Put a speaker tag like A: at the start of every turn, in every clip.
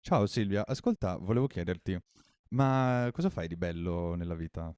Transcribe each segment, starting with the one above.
A: Ciao Silvia, ascolta, volevo chiederti, ma cosa fai di bello nella vita?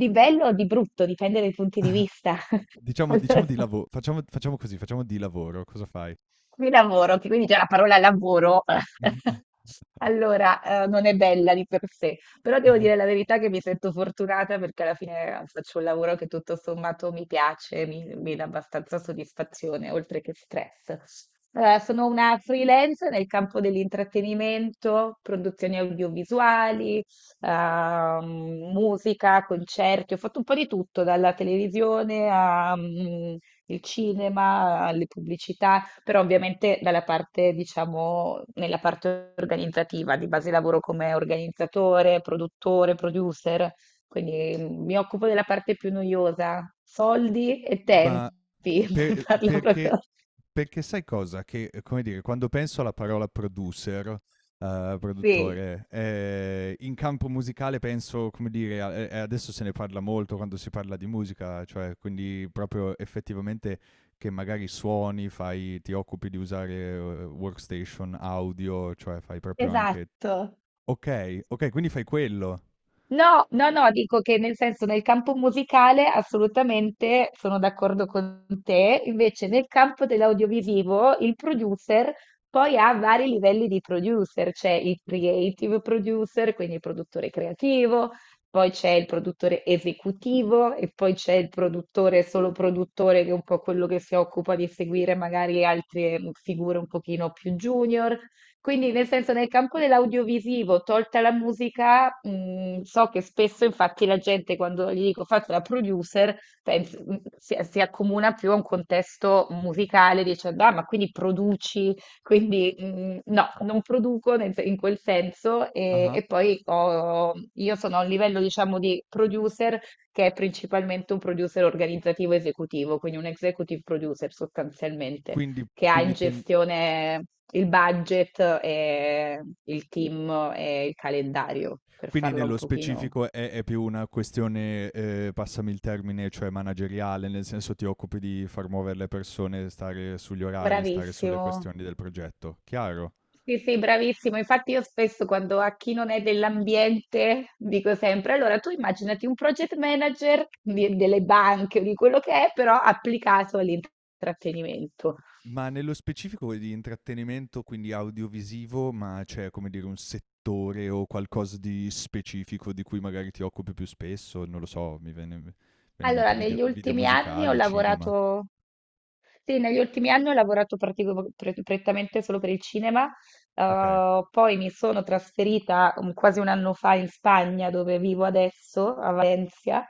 B: Di bello o di brutto, dipende dai punti di vista.
A: Diciamo
B: Allora,
A: di lavoro, facciamo così, facciamo di lavoro, cosa fai?
B: qui lavoro, che quindi già la parola lavoro, allora, non è bella di per sé, però devo dire la verità che mi sento fortunata perché alla fine faccio un lavoro che tutto sommato mi piace, mi dà abbastanza soddisfazione, oltre che stress. Sono una freelance nel campo dell'intrattenimento, produzioni audiovisuali, musica, concerti, ho fatto un po' di tutto, dalla televisione al cinema, alle pubblicità, però ovviamente dalla parte, diciamo, nella parte organizzativa, di base lavoro come organizzatore, produttore, producer, quindi mi occupo della parte più noiosa, soldi e
A: Ma
B: tempi, per
A: per
B: farla
A: perché
B: proprio...
A: perché sai cosa? Come dire, quando penso alla parola producer,
B: Sì,
A: produttore, in campo musicale penso, come dire, a e adesso se ne parla molto quando si parla di musica, cioè quindi proprio effettivamente che magari suoni, fai ti occupi di usare, workstation, audio, cioè fai proprio anche
B: esatto.
A: okay, okay, quindi fai quello.
B: No, no, no, dico che nel senso nel campo musicale assolutamente sono d'accordo con te, invece nel campo dell'audiovisivo il producer poi ha vari livelli di producer, c'è il creative producer, quindi il produttore creativo, poi c'è il produttore esecutivo e poi c'è il produttore solo produttore che è un po' quello che si occupa di seguire magari altre figure un pochino più junior. Quindi, nel senso, nel campo dell'audiovisivo, tolta la musica, so che spesso, infatti, la gente quando gli dico faccio la producer, si accomuna più a un contesto musicale, dicendo, ah, ma quindi produci, quindi no, non produco nel- in quel senso, e,
A: Ah-ah.
B: io sono a un livello, diciamo, di producer che è principalmente un producer organizzativo esecutivo, quindi un executive producer sostanzialmente
A: Quindi
B: che ha in
A: quindi ten
B: gestione il budget e il team e il calendario, per
A: Quindi
B: farla un
A: nello
B: pochino.
A: specifico è più una questione, passami il termine, cioè manageriale, nel senso ti occupi di far muovere le persone, stare sugli orari, stare sulle
B: Bravissimo.
A: questioni del progetto. Chiaro.
B: Sì, sì, bravissimo. Infatti io spesso quando a chi non è dell'ambiente dico sempre, allora tu immaginati un delle banche o di quello che è, però applicato all'intrattenimento.
A: Ma nello specifico di intrattenimento, quindi audiovisivo, ma c'è, come dire, un settore o qualcosa di specifico di cui magari ti occupi più spesso? Non lo so, mi viene in
B: Allora,
A: mente
B: negli
A: video
B: ultimi anni ho
A: musicali, cinema.
B: lavorato Sì, negli ultimi anni ho lavorato prettamente solo per il cinema,
A: Okay.
B: poi mi sono trasferita quasi un anno fa in Spagna, dove vivo adesso, a Valencia,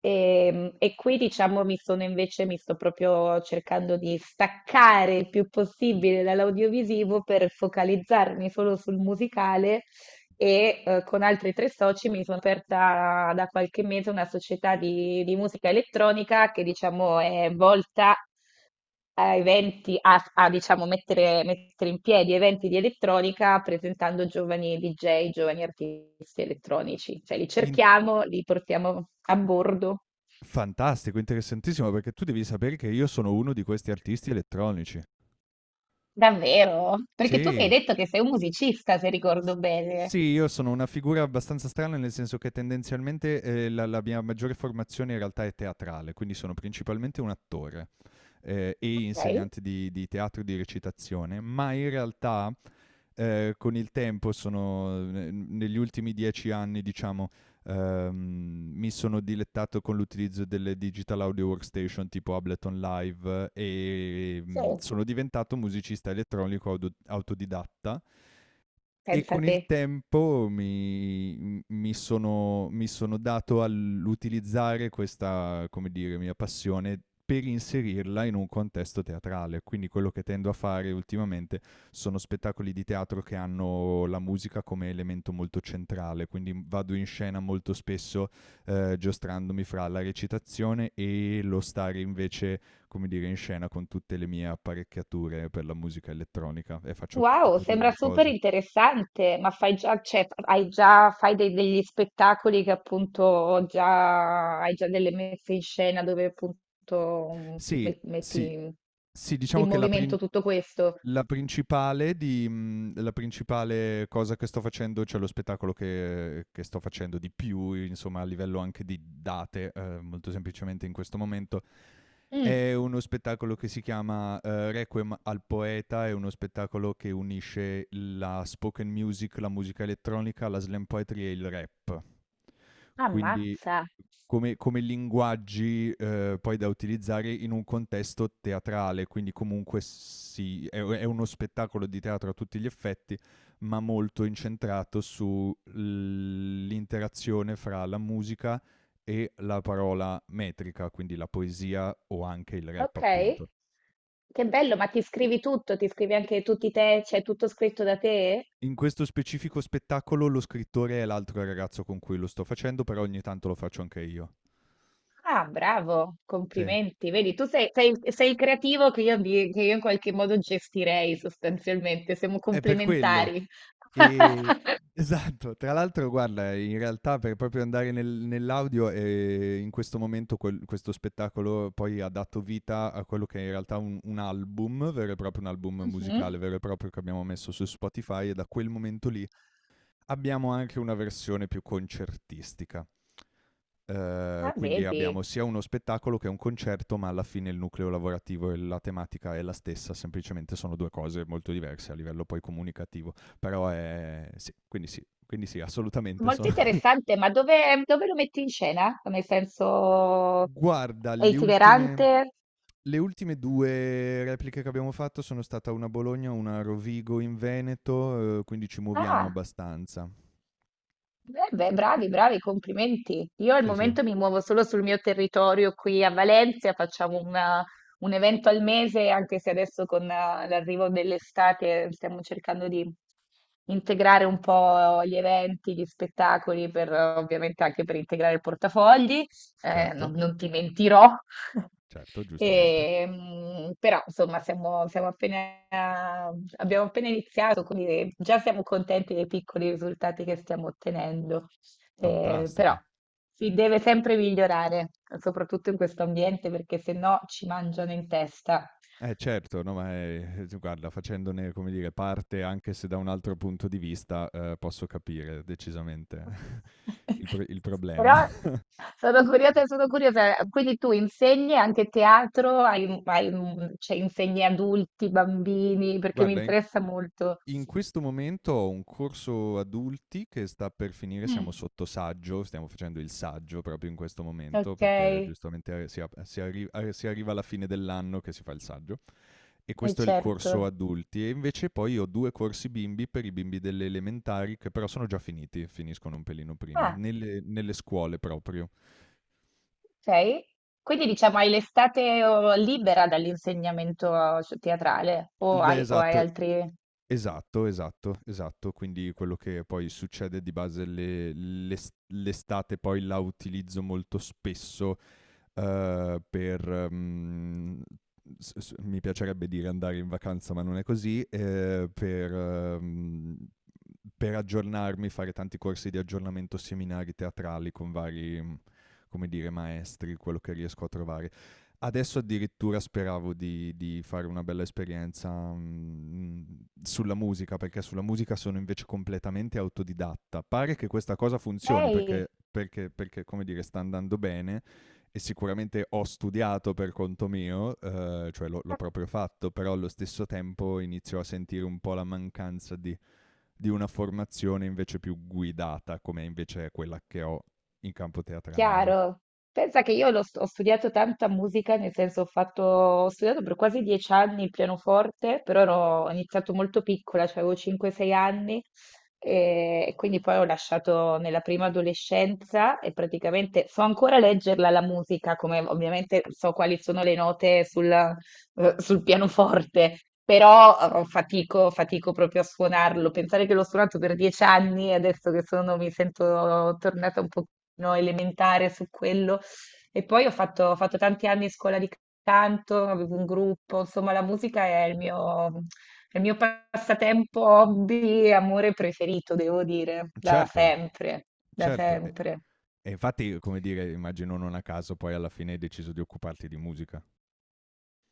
B: e qui diciamo mi sto proprio cercando di staccare il più possibile dall'audiovisivo per focalizzarmi solo sul musicale e con altri tre soci mi sono aperta da qualche mese una società di musica elettronica che diciamo è volta a eventi, diciamo mettere in piedi eventi di elettronica presentando giovani DJ, giovani artisti elettronici. Cioè li
A: In
B: cerchiamo, li portiamo a bordo.
A: Fantastico, interessantissimo, perché tu devi sapere che io sono uno di questi artisti elettronici.
B: Davvero? Perché tu mi hai
A: Sì.
B: detto che sei un musicista, se
A: S
B: ricordo bene.
A: sì, io sono una figura abbastanza strana, nel senso che tendenzialmente, la mia maggiore formazione in realtà è teatrale, quindi sono principalmente un attore, e
B: Ok,
A: insegnante di teatro e di recitazione, ma in realtà con il tempo sono, negli ultimi 10 anni, diciamo, ehm, mi sono dilettato con l'utilizzo delle digital audio workstation tipo Ableton Live,
B: sì.
A: sono diventato musicista elettronico autodidatta e
B: Pensa a
A: con
B: te.
A: il tempo mi sono dato all'utilizzare questa, come dire, mia passione per inserirla in un contesto teatrale. Quindi quello che tendo a fare ultimamente sono spettacoli di teatro che hanno la musica come elemento molto centrale, quindi, vado in scena molto spesso, giostrandomi fra la recitazione e lo stare invece, come dire, in scena con tutte le mie apparecchiature per la musica elettronica e faccio
B: Wow,
A: tutte e 2
B: sembra
A: le
B: super
A: cose.
B: interessante, ma fai già, cioè, hai già, degli spettacoli che appunto già, hai già delle messe in scena dove appunto
A: Sì,
B: metti
A: sì.
B: in
A: Sì, diciamo
B: in
A: che la prin
B: movimento tutto questo.
A: la principale di la principale cosa che sto facendo, cioè lo spettacolo che sto facendo di più, insomma, a livello anche di date, molto semplicemente in questo momento,
B: Mm,
A: è uno spettacolo che si chiama, Requiem al poeta, è uno spettacolo che unisce la spoken music, la musica elettronica, la slam poetry e il rap. Quindi
B: ammazza,
A: come linguaggi, poi da utilizzare in un contesto teatrale, quindi comunque sì, è uno spettacolo di teatro a tutti gli effetti, ma molto incentrato su l'interazione fra la musica e la parola metrica, quindi la poesia o anche il rap
B: ok,
A: appunto.
B: che bello, ma ti scrivi tutto, ti scrivi anche c'è tutto scritto da te?
A: In questo specifico spettacolo lo scrittore è l'altro ragazzo con cui lo sto facendo, però ogni tanto lo faccio anche io.
B: Ah, bravo,
A: Sì.
B: complimenti. Vedi, sei il creativo che io in qualche modo gestirei sostanzialmente, siamo
A: È per quello.
B: complementari.
A: Ehm, esatto. Tra l'altro guarda, in realtà per proprio andare nell'audio, in questo momento quel questo spettacolo poi ha dato vita a quello che è in realtà un album vero e proprio, un album
B: Mhm.
A: musicale vero e proprio che abbiamo messo su Spotify, e da quel momento lì abbiamo anche una versione più concertistica.
B: Ah,
A: Quindi
B: vedi,
A: abbiamo sia uno spettacolo che un concerto, ma alla fine il nucleo lavorativo e la tematica è la stessa, semplicemente sono due cose molto diverse a livello poi comunicativo. Però è sì, quindi sì, quindi sì, assolutamente
B: molto
A: sono.
B: interessante, ma dove lo metti in scena? Nel senso,
A: Guarda,
B: è
A: le ultime
B: itinerante?
A: le ultime due repliche che abbiamo fatto sono stata una a Bologna, una a Rovigo in Veneto, quindi ci muoviamo
B: Ah.
A: abbastanza.
B: Beh, beh, bravi, bravi, complimenti. Io al
A: Sì, sì,
B: momento mi muovo solo sul mio territorio qui a Valencia, un evento al mese, anche se adesso con l'arrivo dell'estate stiamo cercando di integrare un po' gli eventi, gli spettacoli, per, ovviamente anche per integrare il portafogli
A: certo,
B: non ti mentirò,
A: certo, giustamente.
B: E, mm, però insomma siamo appena, abbiamo appena iniziato, quindi già siamo contenti dei piccoli risultati che stiamo ottenendo, eh, però
A: Fantastico.
B: si deve sempre migliorare, soprattutto in questo ambiente, perché se no ci mangiano in testa.
A: Eh certo, no, ma è guarda facendone, come dire, parte anche se da un altro punto di vista, posso capire decisamente il problema.
B: Però sono curiosa, sono curiosa. Quindi tu insegni anche teatro, cioè insegni adulti, bambini, perché mi
A: Guarda in
B: interessa molto.
A: in questo momento ho un corso adulti che sta per finire, siamo
B: Mm.
A: sotto saggio, stiamo facendo il saggio proprio in questo momento
B: Ok,
A: perché, giustamente, si arriva alla fine dell'anno che si fa il saggio. E questo è il corso
B: certo.
A: adulti. E invece poi ho due corsi bimbi per i bimbi delle elementari, che però sono già finiti, finiscono un pelino prima,
B: Ah,
A: nelle scuole proprio.
B: ok. Quindi diciamo hai l'estate oh, libera dall'insegnamento cioè, teatrale
A: L-
B: o hai
A: esatto,
B: altri...
A: esatto, esatto. Quindi quello che poi succede di base l'estate, poi la utilizzo molto spesso, per... mm, s- s- mi piacerebbe dire andare in vacanza, ma non è così, per aggiornarmi, fare tanti corsi di aggiornamento, seminari teatrali con vari, mm, come dire, maestri, quello che riesco a trovare. Adesso addirittura speravo di fare una bella esperienza, sulla musica, perché sulla musica sono invece completamente autodidatta. Pare che questa cosa funzioni
B: Ok.
A: perché, come dire, sta andando bene e sicuramente ho studiato per conto mio, cioè l'ho proprio fatto, però allo stesso tempo inizio a sentire un po' la mancanza di una formazione invece più guidata, come invece è quella che ho in campo teatrale. Ecco.
B: Chiaro. Pensa che ho studiato tanta musica, nel senso ho fatto, ho studiato per quasi 10 anni il pianoforte, ho iniziato molto piccola, cioè avevo 5-6 anni, e quindi poi ho lasciato nella prima adolescenza e praticamente so ancora leggerla la musica, come ovviamente so quali sono le note sul, sul pianoforte, però fatico proprio a suonarlo. Pensare che l'ho suonato per 10 anni e adesso che sono, mi sento tornata un pochino elementare su quello. E poi ho fatto tanti anni in scuola di canto, avevo un gruppo, insomma, la musica è il mio passatempo, hobby, amore preferito, devo dire, da
A: Certo,
B: sempre, da
A: certo. E
B: sempre.
A: infatti, come dire, immagino non a caso poi alla fine hai deciso di occuparti di musica.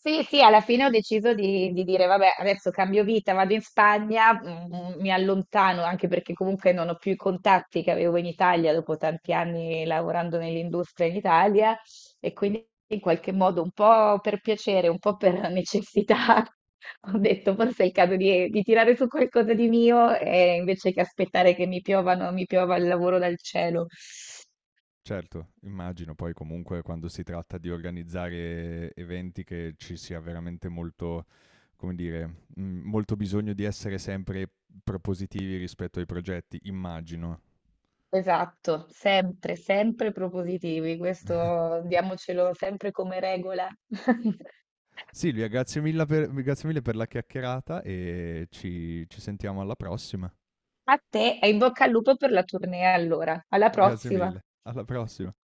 B: Sì, sì, alla fine ho deciso di dire, vabbè, adesso cambio vita, vado in Spagna, mi allontano anche perché comunque non ho più i contatti che avevo in Italia dopo tanti anni lavorando nell'industria in Italia e quindi in qualche modo un po' per piacere, un po' per necessità, ho detto forse è il caso di tirare su qualcosa di mio e invece che aspettare che mi piova il lavoro dal cielo.
A: Certo, immagino poi comunque quando si tratta di organizzare eventi che ci sia veramente molto, come dire, molto bisogno di essere sempre propositivi rispetto ai progetti, immagino.
B: Esatto, sempre, sempre propositivi, questo diamocelo sempre come regola.
A: Silvia, grazie mille per la chiacchierata e ci sentiamo alla prossima.
B: A te e in bocca al lupo per la tournée allora, alla
A: Grazie
B: prossima.
A: mille. Alla prossima.